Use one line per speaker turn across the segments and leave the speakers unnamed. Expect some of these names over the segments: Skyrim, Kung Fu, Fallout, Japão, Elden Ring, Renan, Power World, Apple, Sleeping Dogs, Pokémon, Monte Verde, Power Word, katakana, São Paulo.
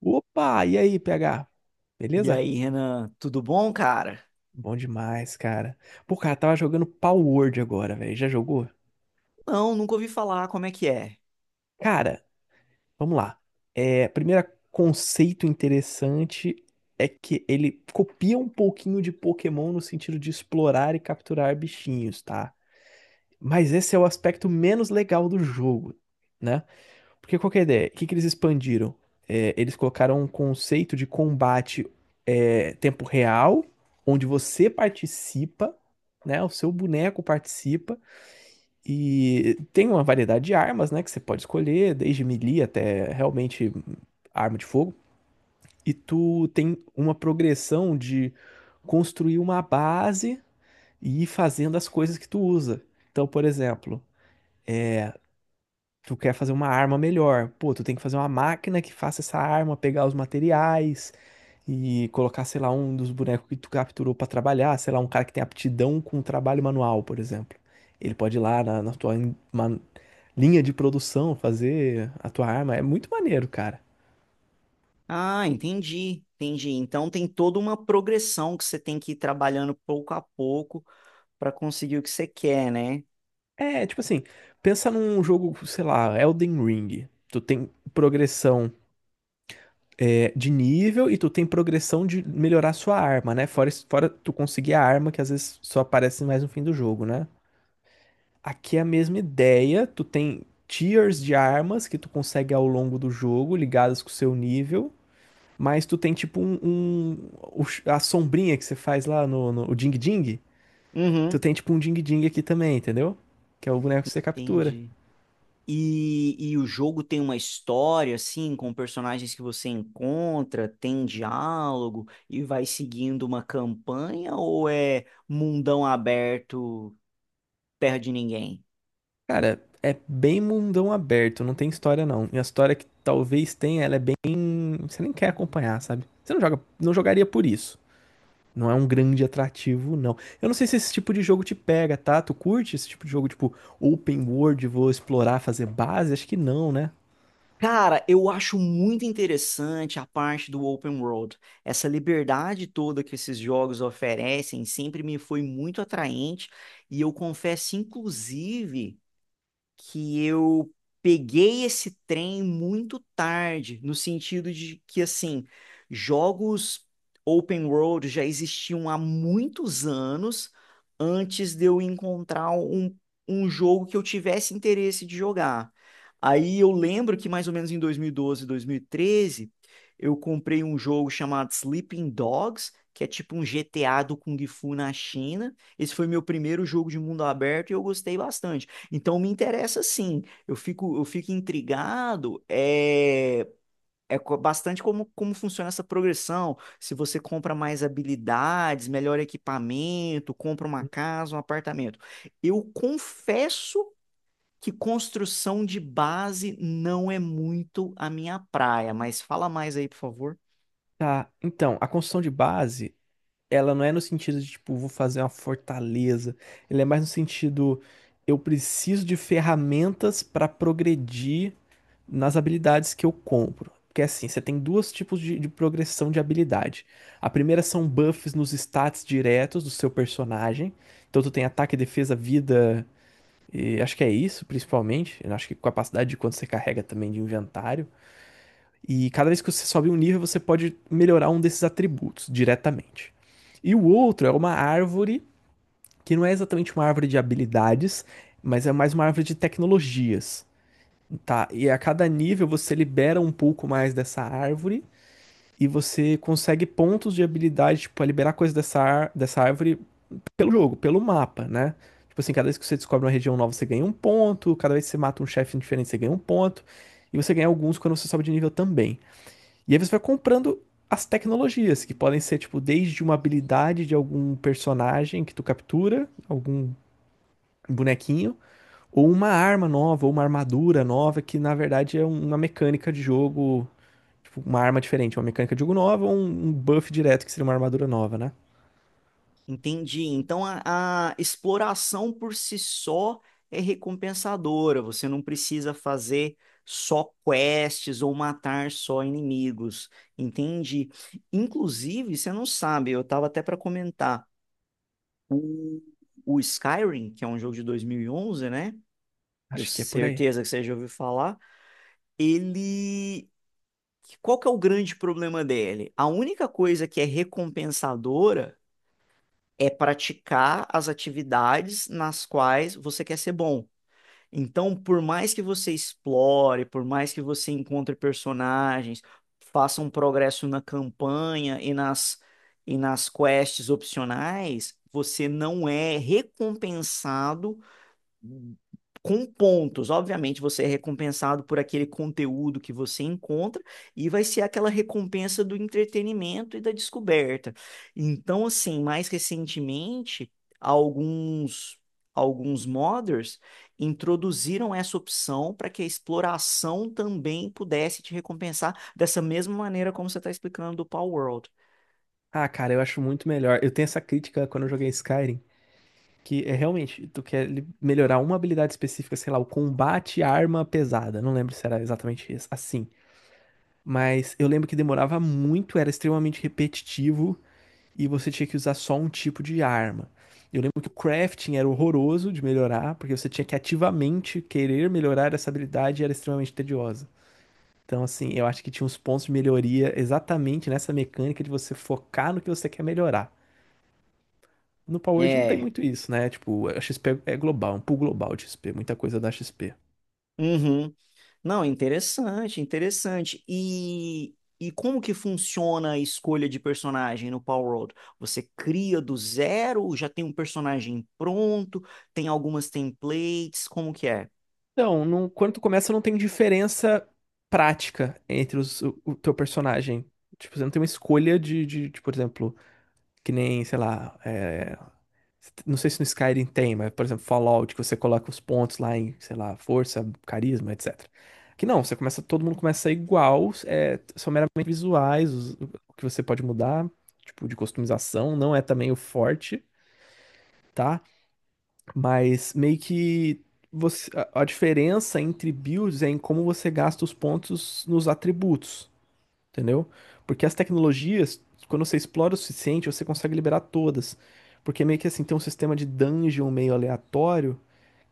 Opa, e aí, PH?
E
Beleza?
aí, Renan, tudo bom, cara?
Bom demais, cara. Pô, cara, tava jogando Power Word agora, velho. Já jogou?
Não, nunca ouvi falar, como é que é?
Cara, vamos lá. É, primeiro conceito interessante é que ele copia um pouquinho de Pokémon no sentido de explorar e capturar bichinhos, tá? Mas esse é o aspecto menos legal do jogo, né? Porque qual que é a ideia? O que que eles expandiram? É, eles colocaram um conceito de combate tempo real, onde você participa, né? O seu boneco participa e tem uma variedade de armas, né? Que você pode escolher, desde melee até realmente arma de fogo. E tu tem uma progressão de construir uma base e ir fazendo as coisas que tu usa. Então, por exemplo, tu quer fazer uma arma melhor. Pô, tu tem que fazer uma máquina que faça essa arma, pegar os materiais e colocar, sei lá, um dos bonecos que tu capturou pra trabalhar, sei lá, um cara que tem aptidão com trabalho manual, por exemplo. Ele pode ir lá na linha de produção fazer a tua arma. É muito maneiro, cara.
Ah, entendi, entendi. Então tem toda uma progressão que você tem que ir trabalhando pouco a pouco para conseguir o que você quer, né?
É, tipo assim, pensa num jogo, sei lá, Elden Ring. Tu tem progressão de nível e tu tem progressão de melhorar sua arma, né? Fora, fora tu conseguir a arma que às vezes só aparece mais no fim do jogo, né? Aqui é a mesma ideia, tu tem tiers de armas que tu consegue ao longo do jogo, ligadas com o seu nível, mas tu tem tipo a sombrinha que você faz lá no o Ding Ding, tu
Uhum,
tem tipo um Ding Ding aqui também, entendeu? Que é o boneco que você captura.
entendi. E o jogo tem uma história, assim, com personagens que você encontra, tem diálogo e vai seguindo uma campanha ou é mundão aberto, terra de ninguém?
Cara, é bem mundão aberto, não tem história não. E a história que talvez tenha, ela é bem. Você nem quer acompanhar, sabe? Você não joga, não jogaria por isso. Não é um grande atrativo, não. Eu não sei se esse tipo de jogo te pega, tá? Tu curte esse tipo de jogo, tipo, open world, vou explorar, fazer base? Acho que não, né?
Cara, eu acho muito interessante a parte do open world. Essa liberdade toda que esses jogos oferecem sempre me foi muito atraente e eu confesso, inclusive que eu peguei esse trem muito tarde, no sentido de que, assim, jogos open world já existiam há muitos anos antes de eu encontrar um jogo que eu tivesse interesse de jogar. Aí eu lembro que mais ou menos em 2012, 2013, eu comprei um jogo chamado Sleeping Dogs, que é tipo um GTA do Kung Fu na China. Esse foi meu primeiro jogo de mundo aberto e eu gostei bastante. Então me interessa sim. Eu fico intrigado. Bastante como, como funciona essa progressão. Se você compra mais habilidades, melhor equipamento, compra uma casa, um apartamento. Eu confesso que construção de base não é muito a minha praia, mas fala mais aí, por favor.
Tá, então, a construção de base, ela não é no sentido de, tipo, vou fazer uma fortaleza. Ele é mais no sentido, eu preciso de ferramentas para progredir nas habilidades que eu compro. Porque assim, você tem dois tipos de progressão de habilidade. A primeira são buffs nos stats diretos do seu personagem. Então tu tem ataque, defesa, vida. E acho que é isso, principalmente. Eu acho que capacidade de quanto você carrega também de inventário. E cada vez que você sobe um nível, você pode melhorar um desses atributos diretamente. E o outro é uma árvore, que não é exatamente uma árvore de habilidades, mas é mais uma árvore de tecnologias. Tá, e a cada nível você libera um pouco mais dessa árvore e você consegue pontos de habilidade, tipo, a liberar coisas dessa árvore pelo jogo, pelo mapa, né? Tipo assim, cada vez que você descobre uma região nova, você ganha um ponto, cada vez que você mata um chefe diferente, você ganha um ponto, e você ganha alguns quando você sobe de nível também. E aí você vai comprando as tecnologias, que podem ser, tipo, desde uma habilidade de algum personagem que tu captura, algum bonequinho, ou uma arma nova, ou uma armadura nova, que na verdade é uma mecânica de jogo, tipo, uma arma diferente, uma mecânica de jogo nova, ou um buff direto, que seria uma armadura nova, né?
Entendi. Então a exploração por si só é recompensadora. Você não precisa fazer só quests ou matar só inimigos. Entendi. Inclusive, você não sabe, eu estava até para comentar, o, o Skyrim, que é um jogo de 2011, né? Eu
Acho que é por aí.
certeza que você já ouviu falar. Ele. Qual que é o grande problema dele? A única coisa que é recompensadora é praticar as atividades nas quais você quer ser bom. Então, por mais que você explore, por mais que você encontre personagens, faça um progresso na campanha e nas quests opcionais, você não é recompensado com pontos. Obviamente, você é recompensado por aquele conteúdo que você encontra e vai ser aquela recompensa do entretenimento e da descoberta. Então, assim, mais recentemente, alguns alguns modders introduziram essa opção para que a exploração também pudesse te recompensar dessa mesma maneira como você está explicando do Power World.
Ah, cara, eu acho muito melhor. Eu tenho essa crítica quando eu joguei Skyrim, que é realmente, tu quer melhorar uma habilidade específica, sei lá, o combate à arma pesada. Não lembro se era exatamente isso, assim. Mas eu lembro que demorava muito, era extremamente repetitivo e você tinha que usar só um tipo de arma. Eu lembro que o crafting era horroroso de melhorar, porque você tinha que ativamente querer melhorar essa habilidade e era extremamente tediosa. Então, assim, eu acho que tinha uns pontos de melhoria exatamente nessa mecânica de você focar no que você quer melhorar. No Power Word não tem
É.
muito isso, né? Tipo, a XP é global, é um pool global de XP, muita coisa da XP.
Uhum. Não, interessante, interessante. E como que funciona a escolha de personagem no Power World? Você cria do zero, já tem um personagem pronto, tem algumas templates, como que é?
Então, não, quando tu começa, não tem diferença prática entre o teu personagem. Tipo, você não tem uma escolha de, por exemplo, que nem, sei lá, não sei se no Skyrim tem, mas, por exemplo, Fallout, que você coloca os pontos lá em, sei lá, força, carisma, etc. Que não, você começa, todo mundo começa a ser igual, é, são meramente visuais, o que você pode mudar, tipo, de customização, não é também o forte, tá? Mas meio que você, a diferença entre builds é em como você gasta os pontos nos atributos, entendeu? Porque as tecnologias, quando você explora o suficiente, você consegue liberar todas. Porque meio que assim, tem um sistema de dungeon meio aleatório,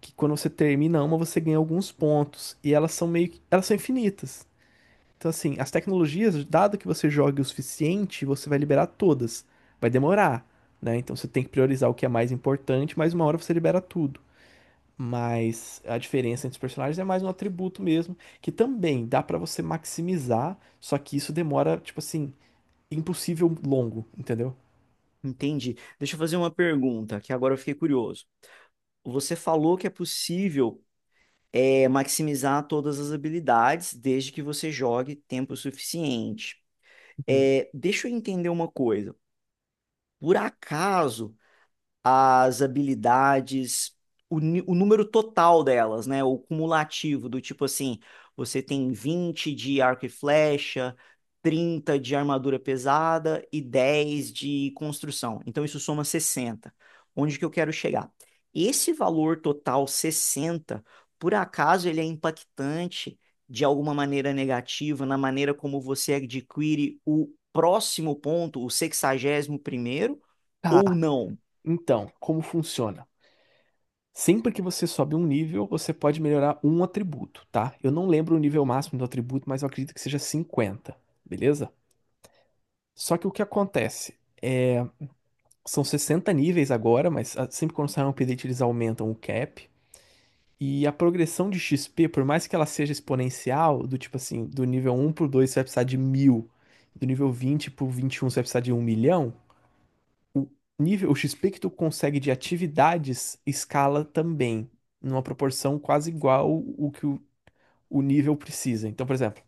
que quando você termina uma, você ganha alguns pontos. E elas são meio que, elas são infinitas. Então assim, as tecnologias, dado que você jogue o suficiente, você vai liberar todas. Vai demorar, né? Então você tem que priorizar o que é mais importante, mas uma hora você libera tudo. Mas a diferença entre os personagens é mais um atributo mesmo, que também dá pra você maximizar, só que isso demora, tipo assim, impossível longo, entendeu?
Entendi. Deixa eu fazer uma pergunta, que agora eu fiquei curioso. Você falou que é possível maximizar todas as habilidades desde que você jogue tempo suficiente.
Uhum.
É, deixa eu entender uma coisa. Por acaso as habilidades, o número total delas, né? O cumulativo, do tipo assim, você tem 20 de arco e flecha, 30 de armadura pesada e 10 de construção. Então isso soma 60. Onde que eu quero chegar? Esse valor total 60, por acaso ele é impactante de alguma maneira negativa na maneira como você adquire o próximo ponto, o sexagésimo primeiro,
Tá,
ou não?
então, como funciona? Sempre que você sobe um nível, você pode melhorar um atributo, tá? Eu não lembro o nível máximo do atributo, mas eu acredito que seja cinquenta, beleza? Só que o que acontece? São 60 níveis agora, mas sempre quando sai um update eles aumentam o cap. E a progressão de XP, por mais que ela seja exponencial, do tipo assim, do nível um por 2 você vai precisar de mil, do nível 20 pro 21 você vai precisar de um milhão. O nível, o XP que tu consegue de atividades escala também, numa proporção quase igual o que o nível precisa. Então, por exemplo,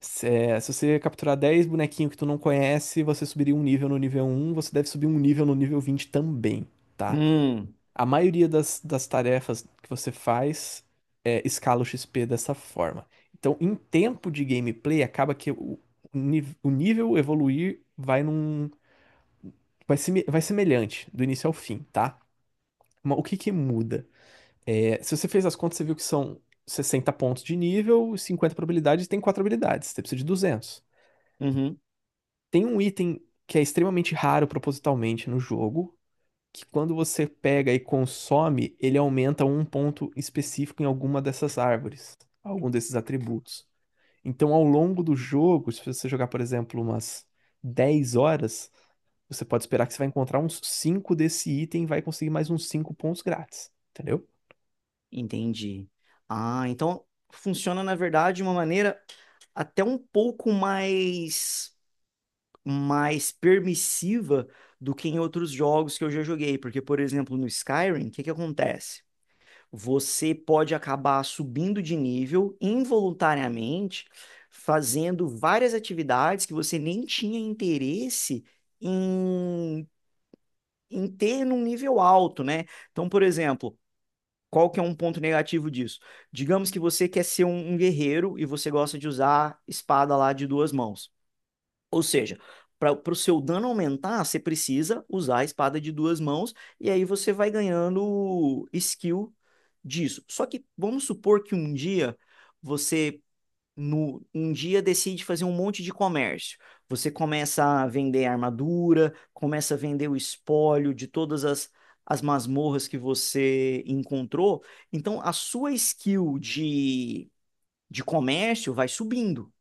se você capturar 10 bonequinhos que tu não conhece, você subiria um nível no nível um, você deve subir um nível no nível 20 também, tá?
Hum,
A maioria das tarefas que você faz escala o XP dessa forma. Então, em tempo de gameplay, acaba que o nível evoluir vai num. Vai, vai semelhante do início ao fim, tá? Mas o que que muda? É, se você fez as contas, você viu que são 60 pontos de nível, 50 probabilidades, e tem 4 habilidades, você precisa de 200.
uhum,
Tem um item que é extremamente raro propositalmente no jogo, que quando você pega e consome, ele aumenta um ponto específico em alguma dessas árvores, algum desses atributos. Então, ao longo do jogo, se você jogar, por exemplo, umas 10 horas, você pode esperar que você vai encontrar uns 5 desse item e vai conseguir mais uns 5 pontos grátis, entendeu?
entendi. Ah, então funciona, na verdade, de uma maneira até um pouco mais, mais permissiva do que em outros jogos que eu já joguei. Porque, por exemplo, no Skyrim, o que que acontece? Você pode acabar subindo de nível involuntariamente, fazendo várias atividades que você nem tinha interesse em, em ter num nível alto, né? Então, por exemplo. Qual que é um ponto negativo disso? Digamos que você quer ser um guerreiro e você gosta de usar espada lá de duas mãos. Ou seja, para o seu dano aumentar, você precisa usar a espada de duas mãos e aí você vai ganhando skill disso. Só que vamos supor que um dia você no, um dia decide fazer um monte de comércio. Você começa a vender armadura, começa a vender o espólio de todas as masmorras que você encontrou. Então, a sua skill de comércio vai subindo.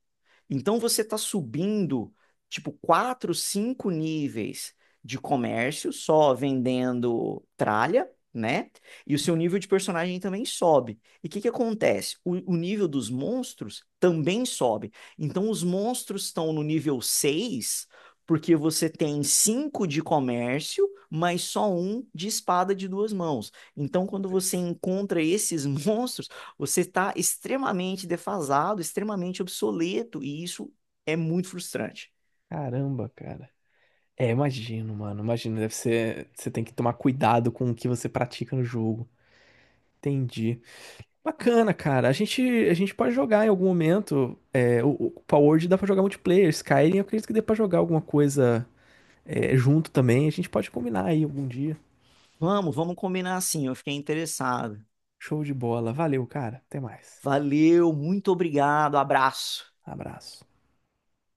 Então você está subindo tipo quatro, cinco níveis de comércio só vendendo tralha, né? E o seu nível de personagem também sobe. E o que que acontece? O nível dos monstros também sobe. Então os monstros estão no nível 6 porque você tem cinco de comércio, mas só um de espada de duas mãos. Então quando você encontra esses monstros você está extremamente defasado, extremamente obsoleto, e isso é muito frustrante.
Caramba, cara. É, imagino, mano. Imagino, deve ser. Você tem que tomar cuidado com o que você pratica no jogo. Entendi. Bacana, cara. A gente pode jogar em algum momento. É, o Power Word dá pra jogar multiplayer. Skyrim, eu acredito que dê pra jogar alguma coisa junto também. A gente pode combinar aí algum dia.
Vamos, vamos combinar assim. Eu fiquei interessado.
Show de bola. Valeu, cara. Até mais.
Valeu, muito obrigado, abraço.
Abraço.